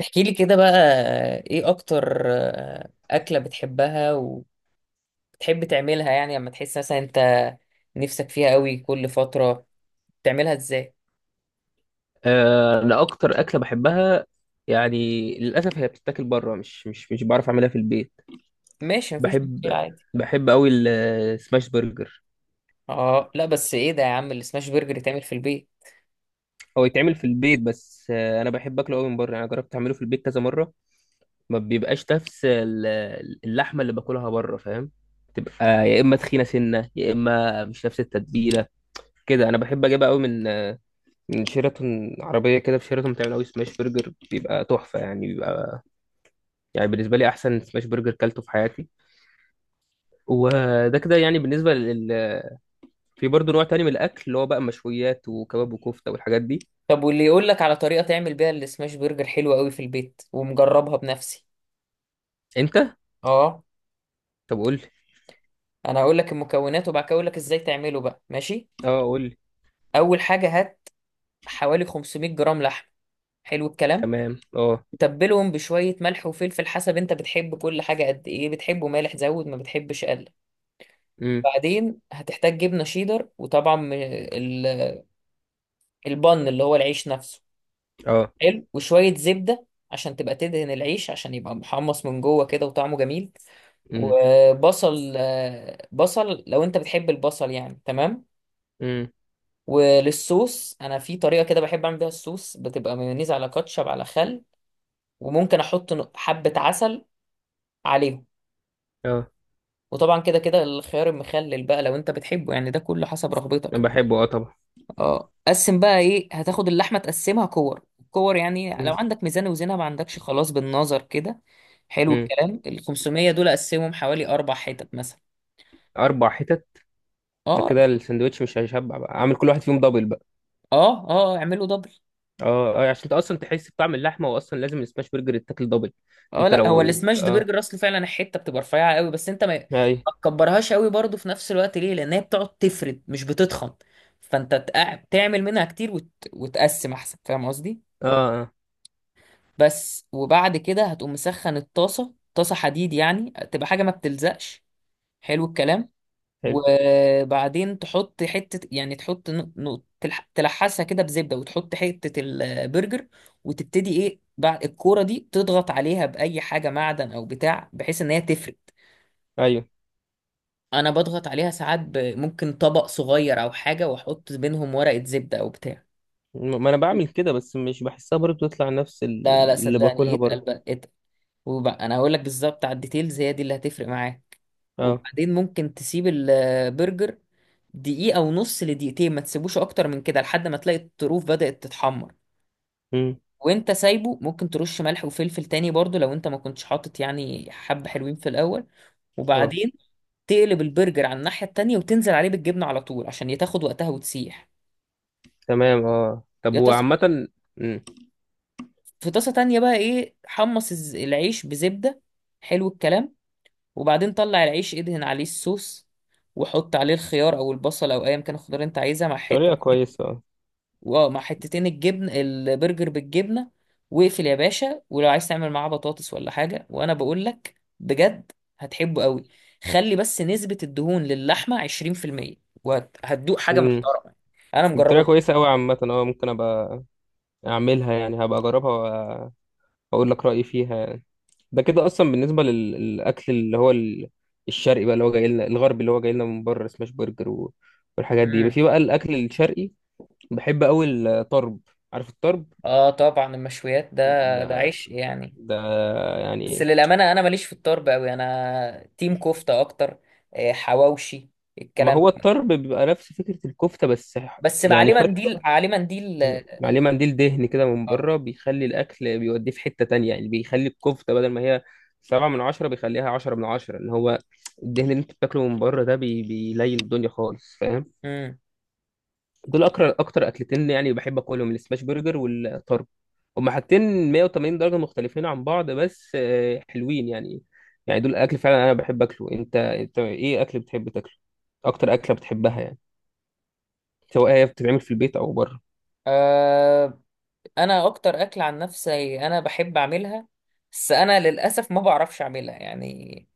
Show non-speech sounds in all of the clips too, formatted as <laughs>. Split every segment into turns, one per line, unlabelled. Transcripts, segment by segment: احكي لي كده بقى. ايه اكتر اكلة بتحبها وبتحب تعملها يعني لما تحس مثلا انت نفسك فيها قوي؟ كل فترة بتعملها ازاي؟
انا اكتر اكله بحبها. يعني للاسف هي بتتاكل بره، مش بعرف اعملها في البيت.
ماشي، مفيش مشكلة
بحب
عادي.
بحب قوي السماش برجر.
اه لا، بس ايه ده يا عم؟ السماش برجر يتعمل في البيت؟
هو يتعمل في البيت، بس انا بحب اكله قوي من بره. انا جربت اعمله في البيت كذا مره، ما بيبقاش نفس اللحمه اللي باكلها بره، فاهم؟ تبقى يا اما تخينه سنه، يا اما مش نفس التتبيله. كده انا بحب اجيبها قوي من شيراتون عربيه كده. في شيراتون بتعمل قوي سماش برجر، بيبقى تحفه. يعني بيبقى يعني بالنسبه لي احسن سماش برجر كلته في حياتي. وده كده يعني في برضه نوع تاني من الأكل اللي هو بقى مشويات وكباب وكفتة والحاجات دي.
طب واللي يقول لك على طريقة تعمل بيها السماش برجر حلوة قوي في البيت ومجربها بنفسي؟
أنت؟
اه،
طب قول لي.
انا هقول لك المكونات وبعد كده اقول لك ازاي تعمله بقى، ماشي.
أه، قول لي.
اول حاجة، هات حوالي 500 جرام لحم. حلو الكلام.
تمام أه.
تبلهم بشوية ملح وفلفل، حسب انت بتحب كل حاجة قد ايه. بتحبه مالح زود، ما بتحبش قلل.
أمم.
بعدين هتحتاج جبنة شيدر، وطبعا البن اللي هو العيش نفسه.
أه.
حلو. وشوية زبدة عشان تبقى تدهن العيش عشان يبقى محمص من جوه كده وطعمه جميل.
أمم.
وبصل، بصل لو انت بتحب البصل يعني، تمام.
أمم.
وللصوص، انا في طريقة كده بحب اعمل بيها الصوص، بتبقى مايونيز على كاتشب على خل. وممكن احط حبة عسل عليهم.
أه،
وطبعا كده كده الخيار المخلل بقى لو انت بتحبه، يعني ده كله حسب رغبتك
أنا
يعني.
بحبه أه طبعا.
اه، قسم بقى. ايه، هتاخد اللحمه تقسمها كور. الكور يعني
أمم.
لو عندك ميزان وزنها، ما عندكش خلاص بالنظر كده. حلو
أمم.
الكلام. ال 500 دول قسمهم حوالي اربع حتت مثلا.
أربع حتت؟ ده
اه،
كده السندوتش مش هيشبع بقى، عامل كل واحد فيهم دبل بقى.
اه اعملوا دبل.
أه أه، عشان أنت أصلا تحس بطعم اللحمة، وأصلا لازم السماش برجر يتاكل دبل.
اه
أنت
لا، هو
لو
السماش دي
أه،
برجر اصل، فعلا الحته بتبقى رفيعه قوي، بس انت ما
أي.
ما تكبرهاش قوي برضه في نفس الوقت. ليه؟ لان هي بتقعد تفرد، مش بتتخن. فانت تعمل منها كتير وتقسم احسن، فاهم قصدي؟
أه أه،
بس. وبعد كده هتقوم مسخن الطاسة، طاسة حديد يعني، تبقى حاجة ما بتلزقش. حلو الكلام.
حلو.
وبعدين تحط حتة، يعني تحط تلحسها كده بزبدة، وتحط حتة البرجر. وتبتدي ايه؟ بعد الكورة دي تضغط عليها بأي حاجة معدن أو بتاع، بحيث إن هي تفرد.
أيوه.
أنا بضغط عليها ساعات ممكن طبق صغير أو حاجة، وأحط بينهم ورقة زبدة أو بتاع.
ما أنا بعمل كده، بس مش بحسها برضه تطلع نفس
لا لا،
اللي
صدقني،
باكلها
اتقل
بره.
بقى، اتقل. وبقى انا هقول لك بالظبط على الديتيلز، هي دي اللي هتفرق معاك.
أه.
وبعدين ممكن تسيب البرجر دقيقة ونص لدقيقتين، ما تسيبوش اكتر من كده، لحد ما تلاقي الطروف بدأت تتحمر.
امم.
وانت سايبه ممكن ترش ملح وفلفل تاني برضو لو انت ما كنتش حاطط يعني حبة حلوين في الاول.
اه
وبعدين تقلب البرجر على الناحية التانية، وتنزل عليه بالجبنة على طول عشان تاخد وقتها وتسيح.
تمام اه. طب
يا طاسة،
وعامة، امم.
في طاسة تانية بقى ايه، حمص العيش بزبدة. حلو الكلام. وبعدين طلع العيش، ادهن عليه الصوص، وحط عليه الخيار او البصل او ايا كان الخضار اللي انت عايزها، مع حته،
طريقة كويسة اه.
واه مع حتتين الجبن، البرجر بالجبنه. واقفل يا باشا. ولو عايز تعمل معاه بطاطس ولا حاجه، وانا بقول لك بجد هتحبه قوي. خلي بس نسبه الدهون للحمه 20%، وهتدوق حاجه
امم.
محترمه. انا
الطريقة
مجربه.
كويسة أوي عامة اه، ممكن أبقى أعملها يعني، هبقى أجربها وأ- وأقول لك رأيي فيها يعني. ده كده أصلا بالنسبة للأكل اللي هو الشرقي بقى، اللي هو جاي لنا، الغربي اللي هو جاي لنا من بره سماش برجر والحاجات دي، يبقى
امم.
في بقى الأكل الشرقي. بحب أوي الطرب، عارف الطرب؟
اه طبعا، المشويات ده ده
ده
عيش يعني.
ده
بس
يعني.
للامانه انا ماليش في الطرب قوي، انا تيم كفته اكتر. حواوشي
ما
الكلام
هو
ده.
الطرب بيبقى نفس فكرة الكفتة، بس
بس
يعني
عليه
فرق.
منديل، عليه منديل.
عليه منديل دهن كده من
اه.
بره، بيخلي الأكل بيوديه في حتة تانية، يعني بيخلي الكفتة بدل ما هي سبعة من عشرة، بيخليها عشرة من عشرة. اللي هو الدهن اللي انت بتاكله من بره ده بيليل الدنيا خالص، فاهم؟
امم.
دول أكتر أكلتين يعني بحب أكلهم، السماش برجر والطرب. هما حاجتين 180 درجة مختلفين عن بعض، بس حلوين يعني. يعني دول الأكل فعلا أنا بحب أكله. أنت إيه أكل بتحب تاكله؟ أكتر أكلة بتحبها يعني، سواء هي بتتعمل في البيت أو بره.
آه انا اكتر اكل عن نفسي انا بحب اعملها، بس انا للاسف ما بعرفش اعملها يعني،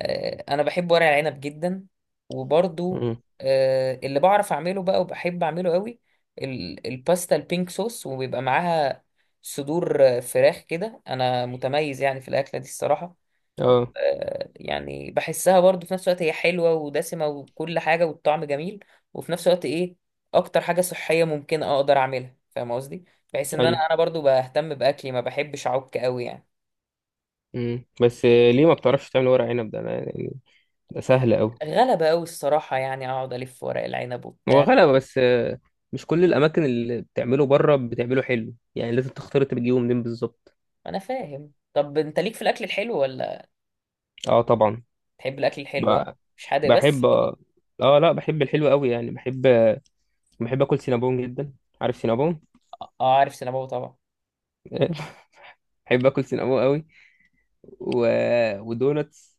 آه، انا بحب ورق العنب جدا. وبرضو
مم.
اللي بعرف اعمله بقى وبحب اعمله قوي، الباستا البينك صوص. وبيبقى معاها صدور فراخ كده. انا متميز يعني في الاكله دي الصراحه.
اه
يعني بحسها برضو في نفس الوقت هي حلوة ودسمة وكل حاجة والطعم جميل، وفي نفس الوقت ايه، اكتر حاجة صحية ممكن اقدر اعملها، فاهم قصدي؟ بحيث ان انا
ايوه.
انا برضو بهتم باكلي، ما بحبش اعك قوي يعني.
مم. بس ليه ما بتعرفش تعمل ورق عنب ده؟ أنا يعني ده سهل أوي.
غلبة قوي الصراحة يعني، اقعد الف ورق العنب
هو
وبتاع.
غلبة، بس مش كل الأماكن اللي بتعمله بره بتعمله حلو يعني، لازم تختار أنت بتجيبه منين بالظبط.
انا فاهم. طب انت ليك في الاكل الحلو ولا؟
أه طبعا.
تحب الاكل الحلو؟ ها،
ب-
مش حادق
بحب
بس؟
أه. لا بحب الحلو أوي يعني، بحب. بحب آكل سينابون جدا، عارف سينابون؟
اه، عارف سينابو طبعا.
<laughs> بحب آكل سينابون أوي و... ودوناتس.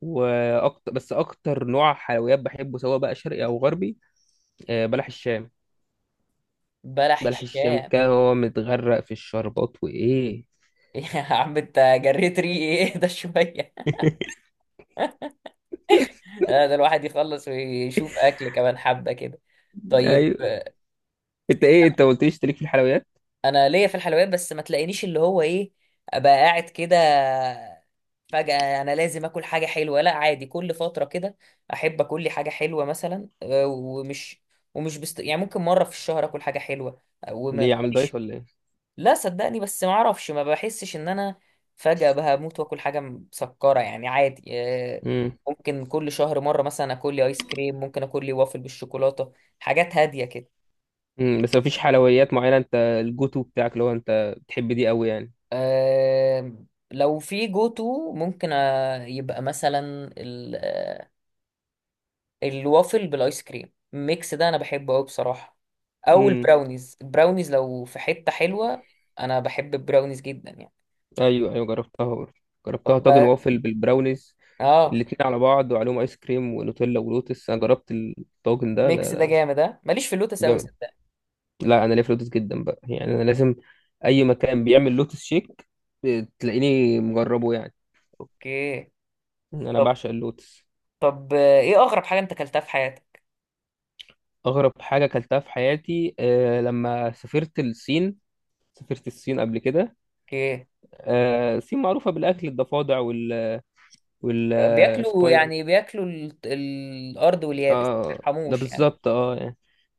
وأكتر، بس أكتر نوع حلويات بحبه سواء بقى شرقي أو غربي، بلح الشام.
بلح
بلح الشام
الشام.
كان هو متغرق في الشربات وايه.
<laughs> يا عم انت، جريت ريقي. <laughs> ايه ده شوية؟
<laughs>
لا، ده الواحد يخلص ويشوف اكل كمان حبه كده. طيب.
ايوه. انت ايه، انت ما قلتليش تليك في الحلويات؟
انا ليا في الحلويات، بس ما تلاقينيش اللي هو ايه، ابقى قاعد كده فجأة انا لازم اكل حاجه حلوه. لا، عادي كل فتره كده احب اكل لي حاجه حلوه، مثلا، ومش يعني ممكن مره في الشهر اكل حاجه حلوه.
ليه، عامل دايت
وماليش.
ولا ايه؟
لا، صدقني بس ما اعرفش، ما بحسش ان انا فجأة بموت واكل حاجة مسكرة يعني. عادي،
امم.
ممكن كل شهر مرة مثلا اكل لي ايس كريم، ممكن اكل لي وافل بالشوكولاتة، حاجات هادية كده.
امم. بس مفيش حلويات معينه انت الجوتو بتاعك اللي هو انت بتحب دي قوي يعني؟
آه، لو في جو تو، ممكن يبقى مثلا ال- آه، الوافل بالايس كريم، الميكس ده انا بحبه قوي بصراحة. او
امم.
البراونيز، البراونيز لو في حتة حلوة انا بحب البراونيز جدا يعني.
ايوه ايوه، جربتها برضه. جربتها طاجن
طب.
وافل بالبراونيز،
اه،
الاتنين على بعض وعليهم ايس كريم ونوتيلا ولوتس. انا جربت الطاجن ده، ده
الميكس ده
ده
جامد. ها، ماليش في اللوتس قوي.
جامد. لا، انا ليا في لوتس جدا بقى، يعني انا لازم اي مكان بيعمل لوتس شيك تلاقيني مجربه يعني.
اوكي.
انا
طب.
بعشق اللوتس.
طب ايه اغرب حاجه انت اكلتها في حياتك؟
أغرب حاجة أكلتها في حياتي، أه لما سافرت الصين. سافرت الصين قبل كده.
اوكي.
أه، الصين معروفة بالأكل، الضفادع
بياكلوا،
والسبايد.
يعني بياكلوا الارض واليابس، ما
اه ده
بيرحموش يعني.
بالظبط، اه يعني.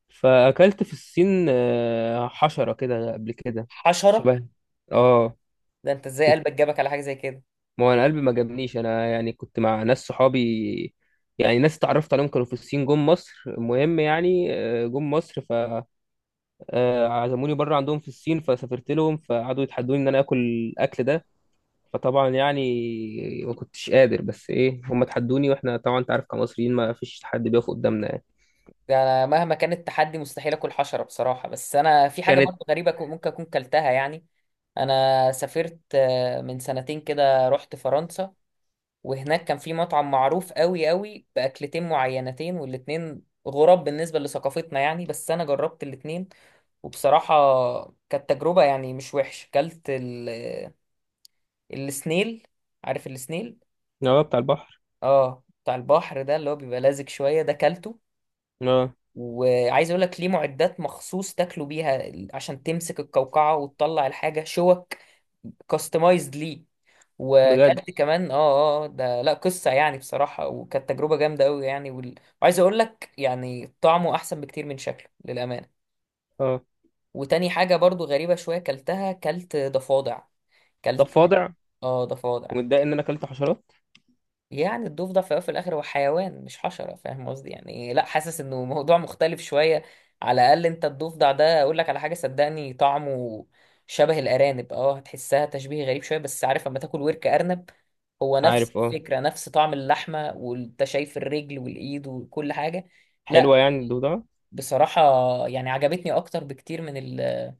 فأكلت في الصين حشرة كده قبل كده،
حشره؟
شبه. اه.
ده انت ازاي
تت-
قلبك جابك على حاجه زي كده؟
ما هو أنا قلبي ما جابنيش، أنا يعني كنت مع ناس صحابي. يعني ناس اتعرفت عليهم كانوا في الصين جم مصر، المهم يعني جم مصر. عزموني بره عندهم في الصين، فسافرت لهم، فقعدوا يتحدوني ان انا اكل الاكل ده. فطبعا يعني ما كنتش قادر، بس ايه، هم تحدوني، واحنا طبعا انت عارف كمصريين ما فيش حد بيقف قدامنا يعني.
ده أنا مهما كان التحدي مستحيل اكل حشره بصراحه. بس انا في حاجه
كانت.
برضه غريبه ممكن اكون كلتها يعني. انا سافرت من سنتين كده رحت فرنسا، وهناك كان في مطعم معروف قوي قوي باكلتين معينتين، والاتنين غراب بالنسبه لثقافتنا يعني. بس انا جربت الاتنين، وبصراحة كانت تجربة يعني مش وحشة. كلت السنيل. عارف السنيل؟
اه بتاع البحر.
اه بتاع البحر. ده اللي هو بيبقى لازق شوية، ده كلته.
اه.
وعايز اقول لك، ليه معدات مخصوص تاكلوا بيها عشان تمسك القوقعة وتطلع الحاجة، شوك كاستمايزد ليه.
بجد.
وكلت كمان اه. اه ده لا قصة يعني بصراحة، وكانت تجربة جامدة قوي يعني وعايز اقول لك يعني، طعمه احسن بكتير من شكله للأمانة.
اه.
وتاني حاجة برضو غريبة شوية كلتها، كلت ضفادع.
طب
كلت
فاضع،
اه، ضفادع.
ومتضايق ان انا اكلت حشرات؟
يعني الضفدع في الأول وفي الاخر هو حيوان مش حشره، فاهم قصدي؟ يعني لا، حاسس انه موضوع مختلف شويه. على الاقل انت الضفدع ده اقول لك على حاجه، صدقني طعمه شبه الارانب. اه هتحسها تشبيه غريب شويه، بس عارف لما تاكل ورك ارنب؟ هو نفس
عارف اه،
الفكره، نفس طعم اللحمه، وانت شايف الرجل والايد وكل حاجه. لا
حلوه يعني الضفدعه؟
بصراحه يعني عجبتني اكتر بكتير من ال،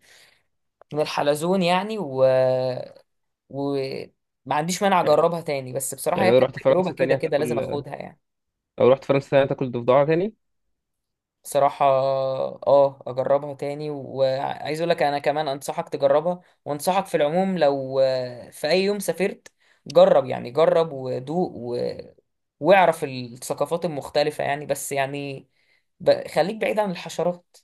من الحلزون يعني، وما عنديش مانع
يعني.
اجربها تاني. بس بصراحة
يعني
هي
لو
كانت
رحت
تجربة
فرنسا تاني
كده كده لازم
هتاكل؟
اخدها يعني.
لو رحت فرنسا تاني هتاكل ضفدعه تاني؟
بصراحة اه، اجربها تاني. وعايز اقول لك انا كمان انصحك تجربها، وانصحك في العموم لو في اي يوم سافرت جرب، يعني جرب ودوق واعرف الثقافات المختلفة يعني. بس يعني خليك بعيد عن الحشرات.